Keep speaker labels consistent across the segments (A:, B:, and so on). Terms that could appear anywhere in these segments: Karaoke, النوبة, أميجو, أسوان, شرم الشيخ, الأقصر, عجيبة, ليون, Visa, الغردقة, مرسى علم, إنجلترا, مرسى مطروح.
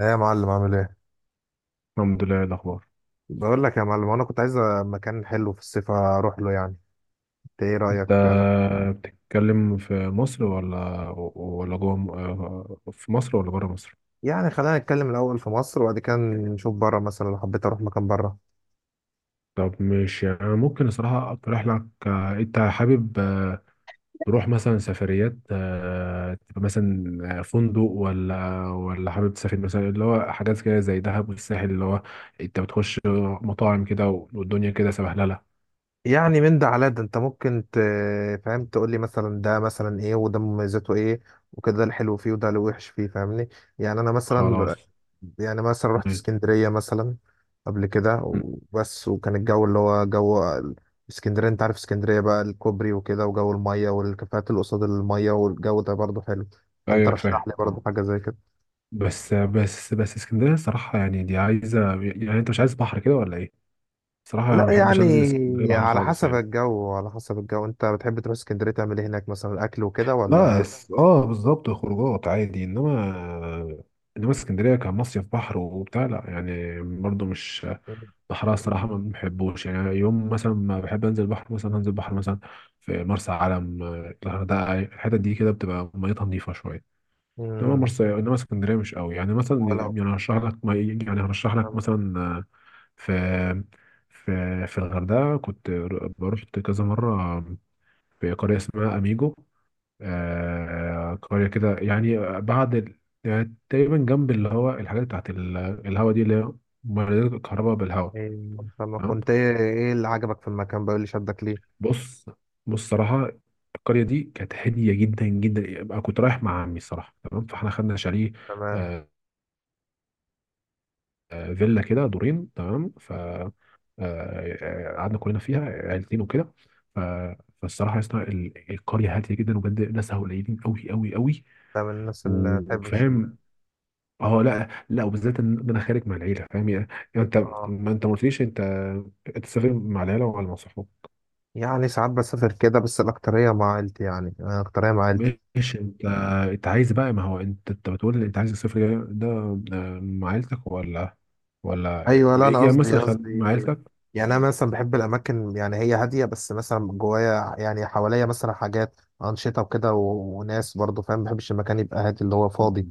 A: ايه يا معلم، عامل ايه؟
B: الحمد لله. إيه الأخبار؟
A: بقول لك يا معلم انا كنت عايز مكان حلو في الصيف اروح له، يعني انت ايه
B: أنت
A: رايك في اماكن؟
B: بتتكلم في مصر ولا جوه في مصر ولا بره مصر؟
A: يعني خلينا نتكلم الاول في مصر وبعد كده نشوف بره، مثلا لو حبيت اروح مكان بره.
B: طب مش يعني ممكن الصراحة أقترح لك، أنت حابب تروح مثلا سفريات، تبقى مثلا فندق ولا حابب تسافر مثلا اللي هو حاجات كده زي دهب والساحل، اللي هو أنت بتخش مطاعم كده، والدنيا كده سبهللة.
A: يعني من ده على ده انت ممكن فاهم، تقول لي مثلا ده مثلا ايه وده مميزاته ايه وكده، ده الحلو فيه وده الوحش فيه، فاهمني؟ يعني انا مثلا،
B: خلاص.
A: يعني مثلا رحت
B: م-
A: اسكندرية مثلا قبل كده
B: م-
A: وبس، وكان الجو اللي هو جو اسكندرية، انت عارف اسكندرية بقى، الكوبري وكده وجو المية والكافيهات اللي قصاد المية، والجو ده برضه حلو، فانت
B: أيوه،
A: رشح
B: فاهم
A: لي برضه
B: آه.
A: حاجة زي كده.
B: بس بس بس، اسكندريه الصراحه يعني دي عايزه، يعني انت مش عايز بحر كده ولا ايه؟ الصراحه انا ما
A: لا
B: بحبش انزل اسكندريه
A: يعني
B: بحر
A: على
B: خالص
A: حسب
B: يعني.
A: الجو، على حسب الجو انت بتحب تروح اسكندرية تعمل ايه هناك، مثلا اكل وكده
B: لا، اه بالظبط، خروجات عادي، انما اسكندريه كمصيف بحر وبتاع، لا يعني برضو مش بحرها
A: ولا؟
B: الصراحه، ما بحبوش يعني. يوم مثلا ما بحب انزل بحر، مثلا هنزل بحر مثلا في مرسى علم، الغردقه، الحتت دي كده بتبقى ميتها نظيفه شويه. انما
A: مم.
B: مرسى، انما اسكندريه مش قوي، يعني مثلا
A: ولو
B: يعني هرشح لك ما يعني هرشح لك مثلا، في في الغردقه كنت بروح كذا مره في قريه اسمها اميجو، قريه كده، يعني بعد يعني تقريبا جنب اللي هو الحاجات بتاعت الهوا دي، اللي هي مولدات الكهرباء بالهوا.
A: إيه، فما
B: تمام.
A: كنت، ايه ايه اللي عجبك في المكان بقى، إيه اللي شدك ليه؟
B: بص بص، صراحه القريه دي كانت هاديه جدا جدا. أنا كنت رايح مع عمي الصراحه، تمام، فاحنا خدنا شاليه،
A: تمام،
B: آه، فيلا كده دورين، تمام. ف آه، آه، قعدنا كلنا فيها عيلتين وكده. ف... فالصراحه يا اسطى، القريه هاديه جدا، وبجد ناسها قليلين قوي قوي قوي،
A: ده من الناس اللي بتحبش
B: وفاهم. اه لا لا، وبالذات إن انا خارج مع العيله، فاهم يعني. يعني
A: اه.
B: انت ما قلتليش، انت سافر مع العيله ولا مع صحابك؟
A: يعني ساعات بسافر كده بس الاكتريه مع عيلتي، يعني انا الاكتريه مع عيلتي.
B: ماشي. انت عايز بقى، ما هو انت بتقول لي انت عايز السفر ده، مع عيلتك ولا ولا
A: ايوه لا، انا
B: يعني
A: قصدي
B: مثلا،
A: قصدي
B: مع عيلتك.
A: يعني، انا مثلا بحب الاماكن يعني هي هاديه، بس مثلا جوايا يعني حواليا مثلا حاجات انشطه وكده وناس برضو، فاهم؟ ما بحبش المكان يبقى هادي اللي هو فاضي،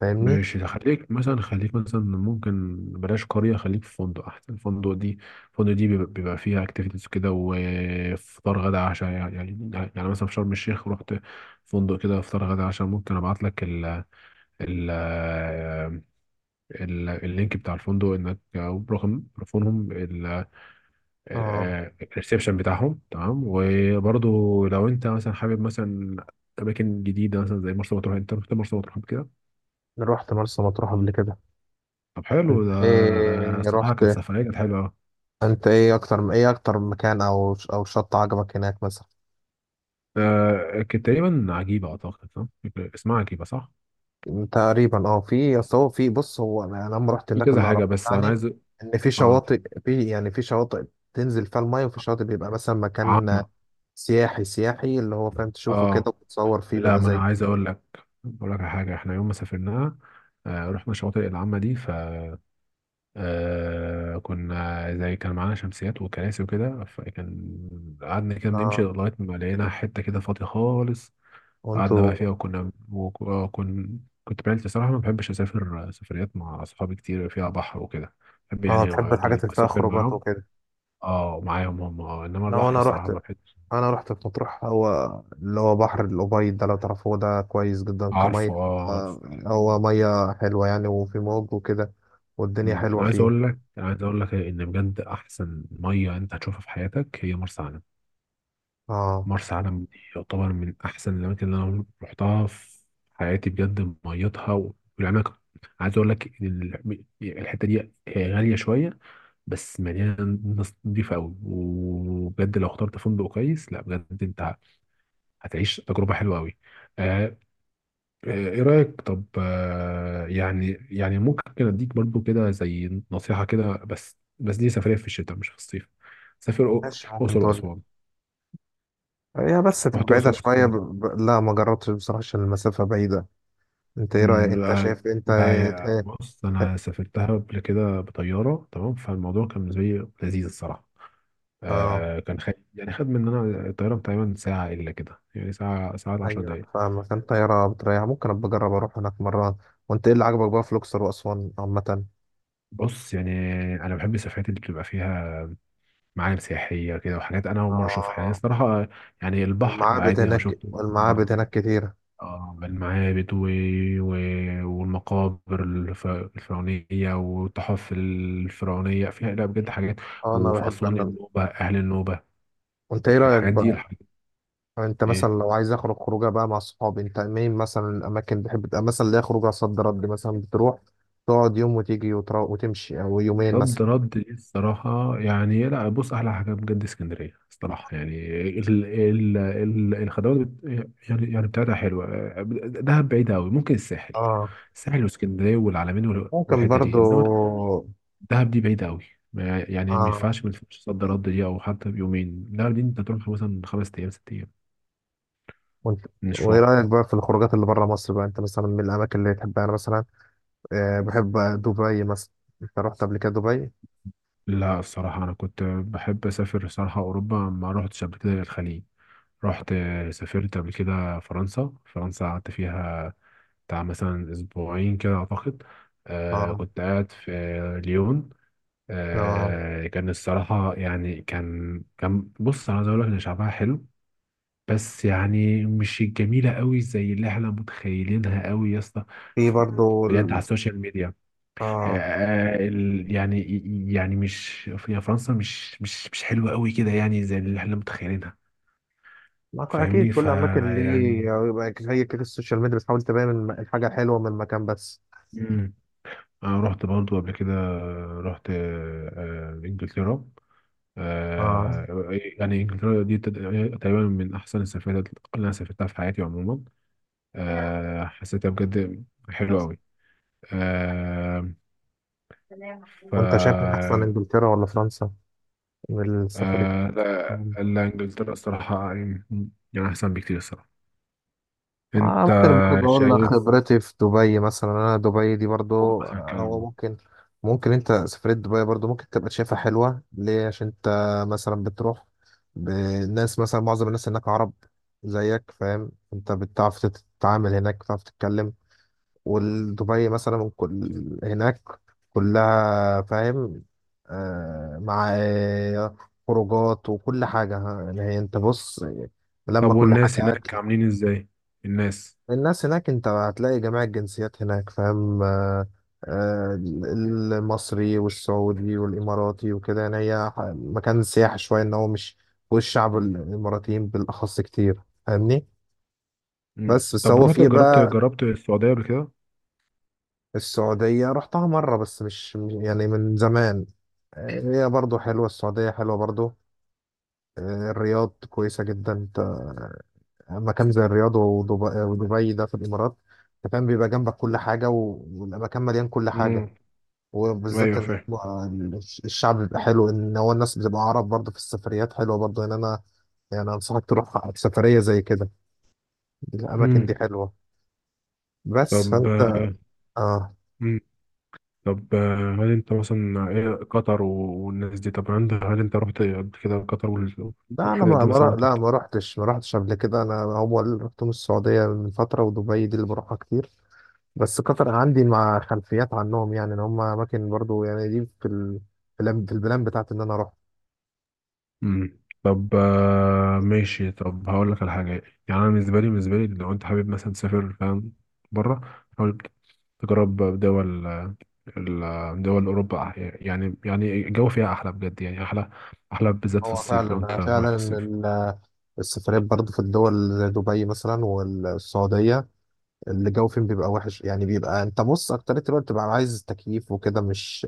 A: فاهمني؟
B: ماشي، ده خليك مثلا ممكن بلاش قرية، خليك في فندق أحسن. الفندق دي بيبقى فيها أكتيفيتيز كده، وفطار غدا عشاء، يعني مثلا في شرم الشيخ رحت فندق كده فطار غدا عشاء، ممكن أبعت لك ال ال ال اللينك بتاع الفندق، إنك أو رقم تليفونهم،
A: اه،
B: الريسبشن بتاعهم، تمام. وبرضه لو أنت مثلا حابب مثلا أماكن جديدة، مثلا زي مرسى مطروح. أنت رحت مرسى مطروح قبل كده؟
A: رحت مرسى مطروح قبل كده.
B: طب
A: انت
B: حلو، ده
A: ايه
B: صراحة كانت
A: رحت،
B: سفرية، كانت حلوة أوي.
A: انت ايه اكتر، ايه اكتر مكان او او شط عجبك هناك مثلا؟
B: كانت تقريبا عجيبة، أعتقد صح؟ اسمها عجيبة صح؟
A: تقريبا اه، في اصل هو في، بص هو انا لما رحت
B: في
A: هناك
B: كذا
A: اللي عرفت
B: حاجة، بس أنا
A: يعني
B: عايز،
A: ان في
B: آه
A: شواطئ، في يعني في شواطئ تنزل فيها الميه، وفي شواطئ بيبقى مثلا مكان
B: عامة.
A: سياحي، سياحي اللي هو فاهم تشوفه كده
B: آه
A: وتتصور فيه
B: لا،
A: بقى
B: ما أنا
A: زي.
B: عايز أقول لك على حاجة، إحنا يوم ما سافرناها رحنا الشواطئ العامة دي. ف آه كنا زي كان معانا شمسيات وكراسي وكده، فكان قعدنا كده بنمشي
A: آه،
B: لغاية ما لقينا حتة كده فاضية خالص، قعدنا
A: وانتوا.
B: بقى فيها، وكنا وكن كنت بعيلتي صراحة. ما بحبش أسافر سفريات مع صحابي كتير فيها بحر وكده، بحب
A: اه
B: يعني
A: تحب الحاجات اللي فيها
B: أسافر
A: خروجات
B: معاهم.
A: وكده.
B: اه معاهم هم، اه إنما
A: لو
B: البحر
A: انا رحت،
B: الصراحة ما بحبش.
A: انا رحت في مطروح هو اللي هو بحر الأبيض ده، لو تعرفوه ده كويس جدا كمية.
B: عارفه اه عارف.
A: آه، هو مية حلوة يعني، وفي موج وكده والدنيا
B: أمم.
A: حلوة
B: أنا عايز
A: فيه.
B: أقول لك أنا عايز أقول لك إن بجد أحسن مية أنت هتشوفها في حياتك هي مرسى علم.
A: اه،
B: مرسى علم دي يعتبر من أحسن الأماكن اللي أنا رحتها في حياتي، بجد ميتها والعناكب. عايز أقول لك إن الحتة دي هي غالية شوية، بس مليانه ناس نضيفه قوي. وبجد لو اخترت فندق كويس، لا بجد انت هتعيش تجربه حلوه قوي. آه ايه رايك؟ طب، يعني ممكن اديك برضو كده زي نصيحه كده. بس بس، دي سفريه في الشتاء مش في الصيف. سافر،
A: ماشي ممكن
B: اقصر
A: تقول.
B: واسوان.
A: هي بس تبقى
B: رحت
A: بعيدة
B: اقصر واسوان
A: شوية
B: قبل كده؟
A: لا ما جربتش بصراحة، عشان المسافة بعيدة. انت ايه رأيك،
B: أمم،
A: انت
B: لا
A: شايف انت
B: لا،
A: ايه؟
B: بص انا سافرتها قبل كده بطياره، تمام، فالموضوع كان بالنسبه لي لذيذ الصراحه.
A: اه
B: كان خد، يعني خد مننا الطيارة تقريبا ساعة إلا كده، يعني ساعة 10
A: ايوه، انا
B: دقايق.
A: فاهمك. انت يا بتريح، ممكن ابقى اجرب اروح هناك مرة. وانت ايه اللي عجبك بقى في الاقصر واسوان عامة؟
B: بص يعني أنا بحب السفرات اللي بتبقى فيها معالم سياحية كده، وحاجات أنا أول مرة أشوفها، يعني
A: اه،
B: الصراحة. يعني البحر
A: المعابد
B: عادي، أنا
A: هناك،
B: شفته كذا
A: المعابد
B: مرة.
A: هناك كتير.
B: المعابد و... والمقابر الفرعونية، والتحف الفرعونية فيها، لا بجد حاجات.
A: اه، انا
B: وفي
A: بحب
B: أسوان
A: انا.
B: النوبة، أهل النوبة،
A: وانت ايه رأيك
B: الحاجات دي
A: بقى؟
B: الحاجات.
A: يعني انت مثلا لو عايز اخرج خروجه بقى مع صحابي، انت مين مثلا، الاماكن بتحب تبقى مثلا ليها خروجه صد رد، مثلا بتروح تقعد يوم وتيجي وتمشي او يومين
B: رد
A: مثلا؟
B: رد دي الصراحة يعني، لا بص أحلى حاجة بجد اسكندرية الصراحة يعني، ال ال ال الخدمات، يعني بتاعتها حلوة. دهب بعيدة أوي، ممكن الساحل
A: اه،
B: الساحل واسكندرية والعلمين
A: ممكن
B: والحتة دي،
A: برضو.
B: إنما دهب دي بعيدة أوي، يعني ما
A: اه،
B: ينفعش ما ينفعش صد رد دي، أو حتى بيومين، لا دي أنت تروح مثلا 5 أيام، 6 أيام
A: وانت
B: من
A: وايه
B: مشوارها.
A: رأيك بقى في الخروجات اللي بره مصر بقى؟ انت مثلا من الاماكن اللي تحبها، انا مثلا آه بحب دبي مثلا. انت رحت قبل كده دبي؟
B: لا، الصراحة أنا كنت بحب أسافر، الصراحة أوروبا ما رحتش قبل كده الخليج. رحت سافرت قبل كده فرنسا، فرنسا قعدت فيها بتاع مثلا أسبوعين كده أعتقد.
A: اه.
B: كنت قاعد في ليون.
A: اه،
B: كان الصراحة يعني كان بص، أنا عايز أقول لك إن شعبها حلو، بس يعني مش جميلة قوي زي اللي احنا متخيلينها قوي يا اسطى.
A: في
B: ف-
A: برضو
B: بجد على السوشيال ميديا آه
A: اه.
B: آه، ال- يعني يعني مش، في فرنسا مش مش حلوة قوي كده يعني زي اللي احنا متخيلينها.
A: ما هو اكيد
B: فاهمني
A: كل اماكن ليه
B: فيعني،
A: يبقى زي كده، السوشيال ميديا بتحاول تبين الحاجه الحلوه من المكان بس.
B: أنا رحت برضو قبل كده، رحت، إنجلترا.
A: آه.
B: إيه، يعني إنجلترا دي تقريبا من أحسن السفرات اللي أنا سافرتها في حياتي عموما. حسيتها بجد حلوة أوي. آه، ف
A: وانت شايف من احسن،
B: آه،
A: انجلترا ولا فرنسا، من السفر؟
B: لا لا، إنجلترا الصراحة يعني أحسن بكتير الصراحة.
A: آه،
B: أنت
A: ممكن برضه اقول لك
B: شايف.
A: خبرتي في دبي مثلا. انا دبي دي برضه،
B: قول مثلا
A: او
B: كلام.
A: ممكن، ممكن، انت سفرية دبي برضه ممكن تبقى شايفها حلوة ليه؟ عشان انت مثلا بتروح بالناس، مثلا معظم الناس هناك عرب زيك، فاهم؟ انت بتعرف تتعامل هناك، بتعرف تتكلم. ودبي مثلا كل هناك كلها، فاهم؟ آه، مع خروجات وكل حاجة ها، يعني هي انت بص، لما
B: طب،
A: كل حاجة
B: والناس هناك
A: أكل.
B: عاملين إزاي؟ الناس.
A: الناس هناك انت هتلاقي جميع الجنسيات هناك، فاهم؟ آه آه، المصري والسعودي والإماراتي وكده. يعني هي مكان سياحي شوية، ان هو مش، والشعب الإماراتيين بالأخص كتير، فاهمني؟
B: مم.
A: بس بس
B: طب
A: هو
B: رحت،
A: فيه
B: جربت
A: بقى،
B: جربت السعودية قبل كده؟
A: السعودية رحتها مرة بس، مش يعني من زمان. آه، هي برضو حلوة، السعودية حلوة برضو. آه، الرياض كويسة جدا. انت مكان زي الرياض ودبي, ودبي ده في الإمارات، انت فاهم، بيبقى جنبك كل حاجة، والمكان مليان كل حاجة. وبالذات
B: ايوه
A: إن
B: فاهم.
A: هو الشعب بيبقى حلو، إن هو الناس بتبقى عرب برضو في السفريات، حلوة برضو إن أنا يعني أنصحك تروح سفرية زي كده، الأماكن دي
B: مم.
A: حلوة. بس
B: طب
A: فأنت، آه
B: مم. طب، هل انت مثلا، ايه قطر والناس دي، طب عندها، هل انت رحت قبل كده قطر
A: لا، أنا
B: والحاجات
A: ما
B: دي
A: ما رح-
B: مثلا؟ طب.
A: لا ما رحتش قبل كده. أنا هو اللي رحتهم السعودية من فترة، ودبي دي اللي بروحها كتير. بس قطر عندي مع خلفيات عنهم، يعني ان هم اماكن برضو يعني دي في البلان، في البلان بتاعتي ان انا اروح.
B: مم. طب ماشي، طب هقول لك على حاجه. يعني انا بالنسبه لي لو انت حابب مثلا تسافر، فاهم، بره حاول تجرب دول، دول اوروبا، يعني الجو فيها احلى بجد، يعني احلى احلى بالذات في
A: هو
B: الصيف، لو انت
A: فعلا
B: رايح
A: فعلا
B: في الصيف.
A: ال- السفريات برضو في الدول زي دبي مثلا والسعودية الجو فين بيبقى وحش، يعني بيبقى انت بص اكتر الوقت بتبقى عايز تكييف وكده، مش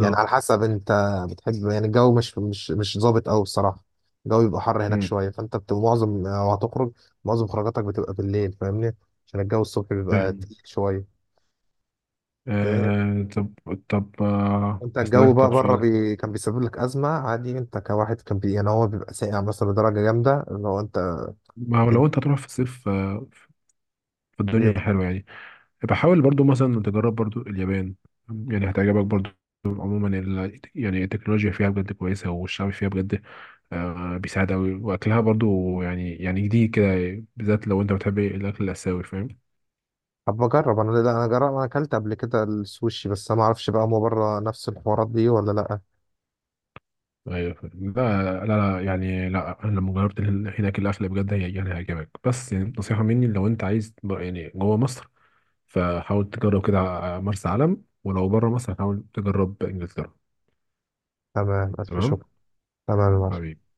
A: يعني على حسب انت بتحب يعني. الجو مش مش مش ظابط قوي الصراحة، الجو بيبقى حر هناك
B: مم.
A: شوية، فانت بتبقى معظم، لو هتخرج معظم خروجاتك بتبقى بالليل، فاهمني؟ عشان الجو الصبح بيبقى
B: فاهم.
A: تقيل شوية.
B: آه طب طب
A: انت الجو
B: أسألك
A: بقى
B: طب
A: بره
B: سؤال.
A: كان بيسبب لك ازمه عادي انت كواحد يعني هو بيبقى ساقع مثلا لدرجه جامده اللي هو انت
B: ما هو
A: في...
B: لو أنت هتروح في الصيف، في الدنيا
A: بيبقى.
B: حلوة يعني، يبقى حاول برضو مثلا تجرب برضو اليابان، يعني هتعجبك برضو. عموما يعني التكنولوجيا فيها بجد كويسة، والشعب فيها بجد بيساعد أوي، وأكلها برضو يعني جديد كده، بالذات لو أنت بتحب الأكل الآسيوي، فاهم.
A: طب بجرب انا، لا انا جرب، انا اكلت قبل كده السوشي، بس انا ما اعرفش بقى هو بره نفس الحوارات دي ولا لا.
B: ايوه فاهم. لا لا لا، يعني لا، انا لما جربت هناك الاكل بجد يعني هيعجبك. بس يعني نصيحه مني، لو انت عايز يعني جوه مصر، فحاول تجرب كده مرسى علم. ولو بره مصر، حاول تجرب انجلترا.
A: تمام، الف
B: تمام.
A: شكر. تمام يا معلم.
B: حبيبي.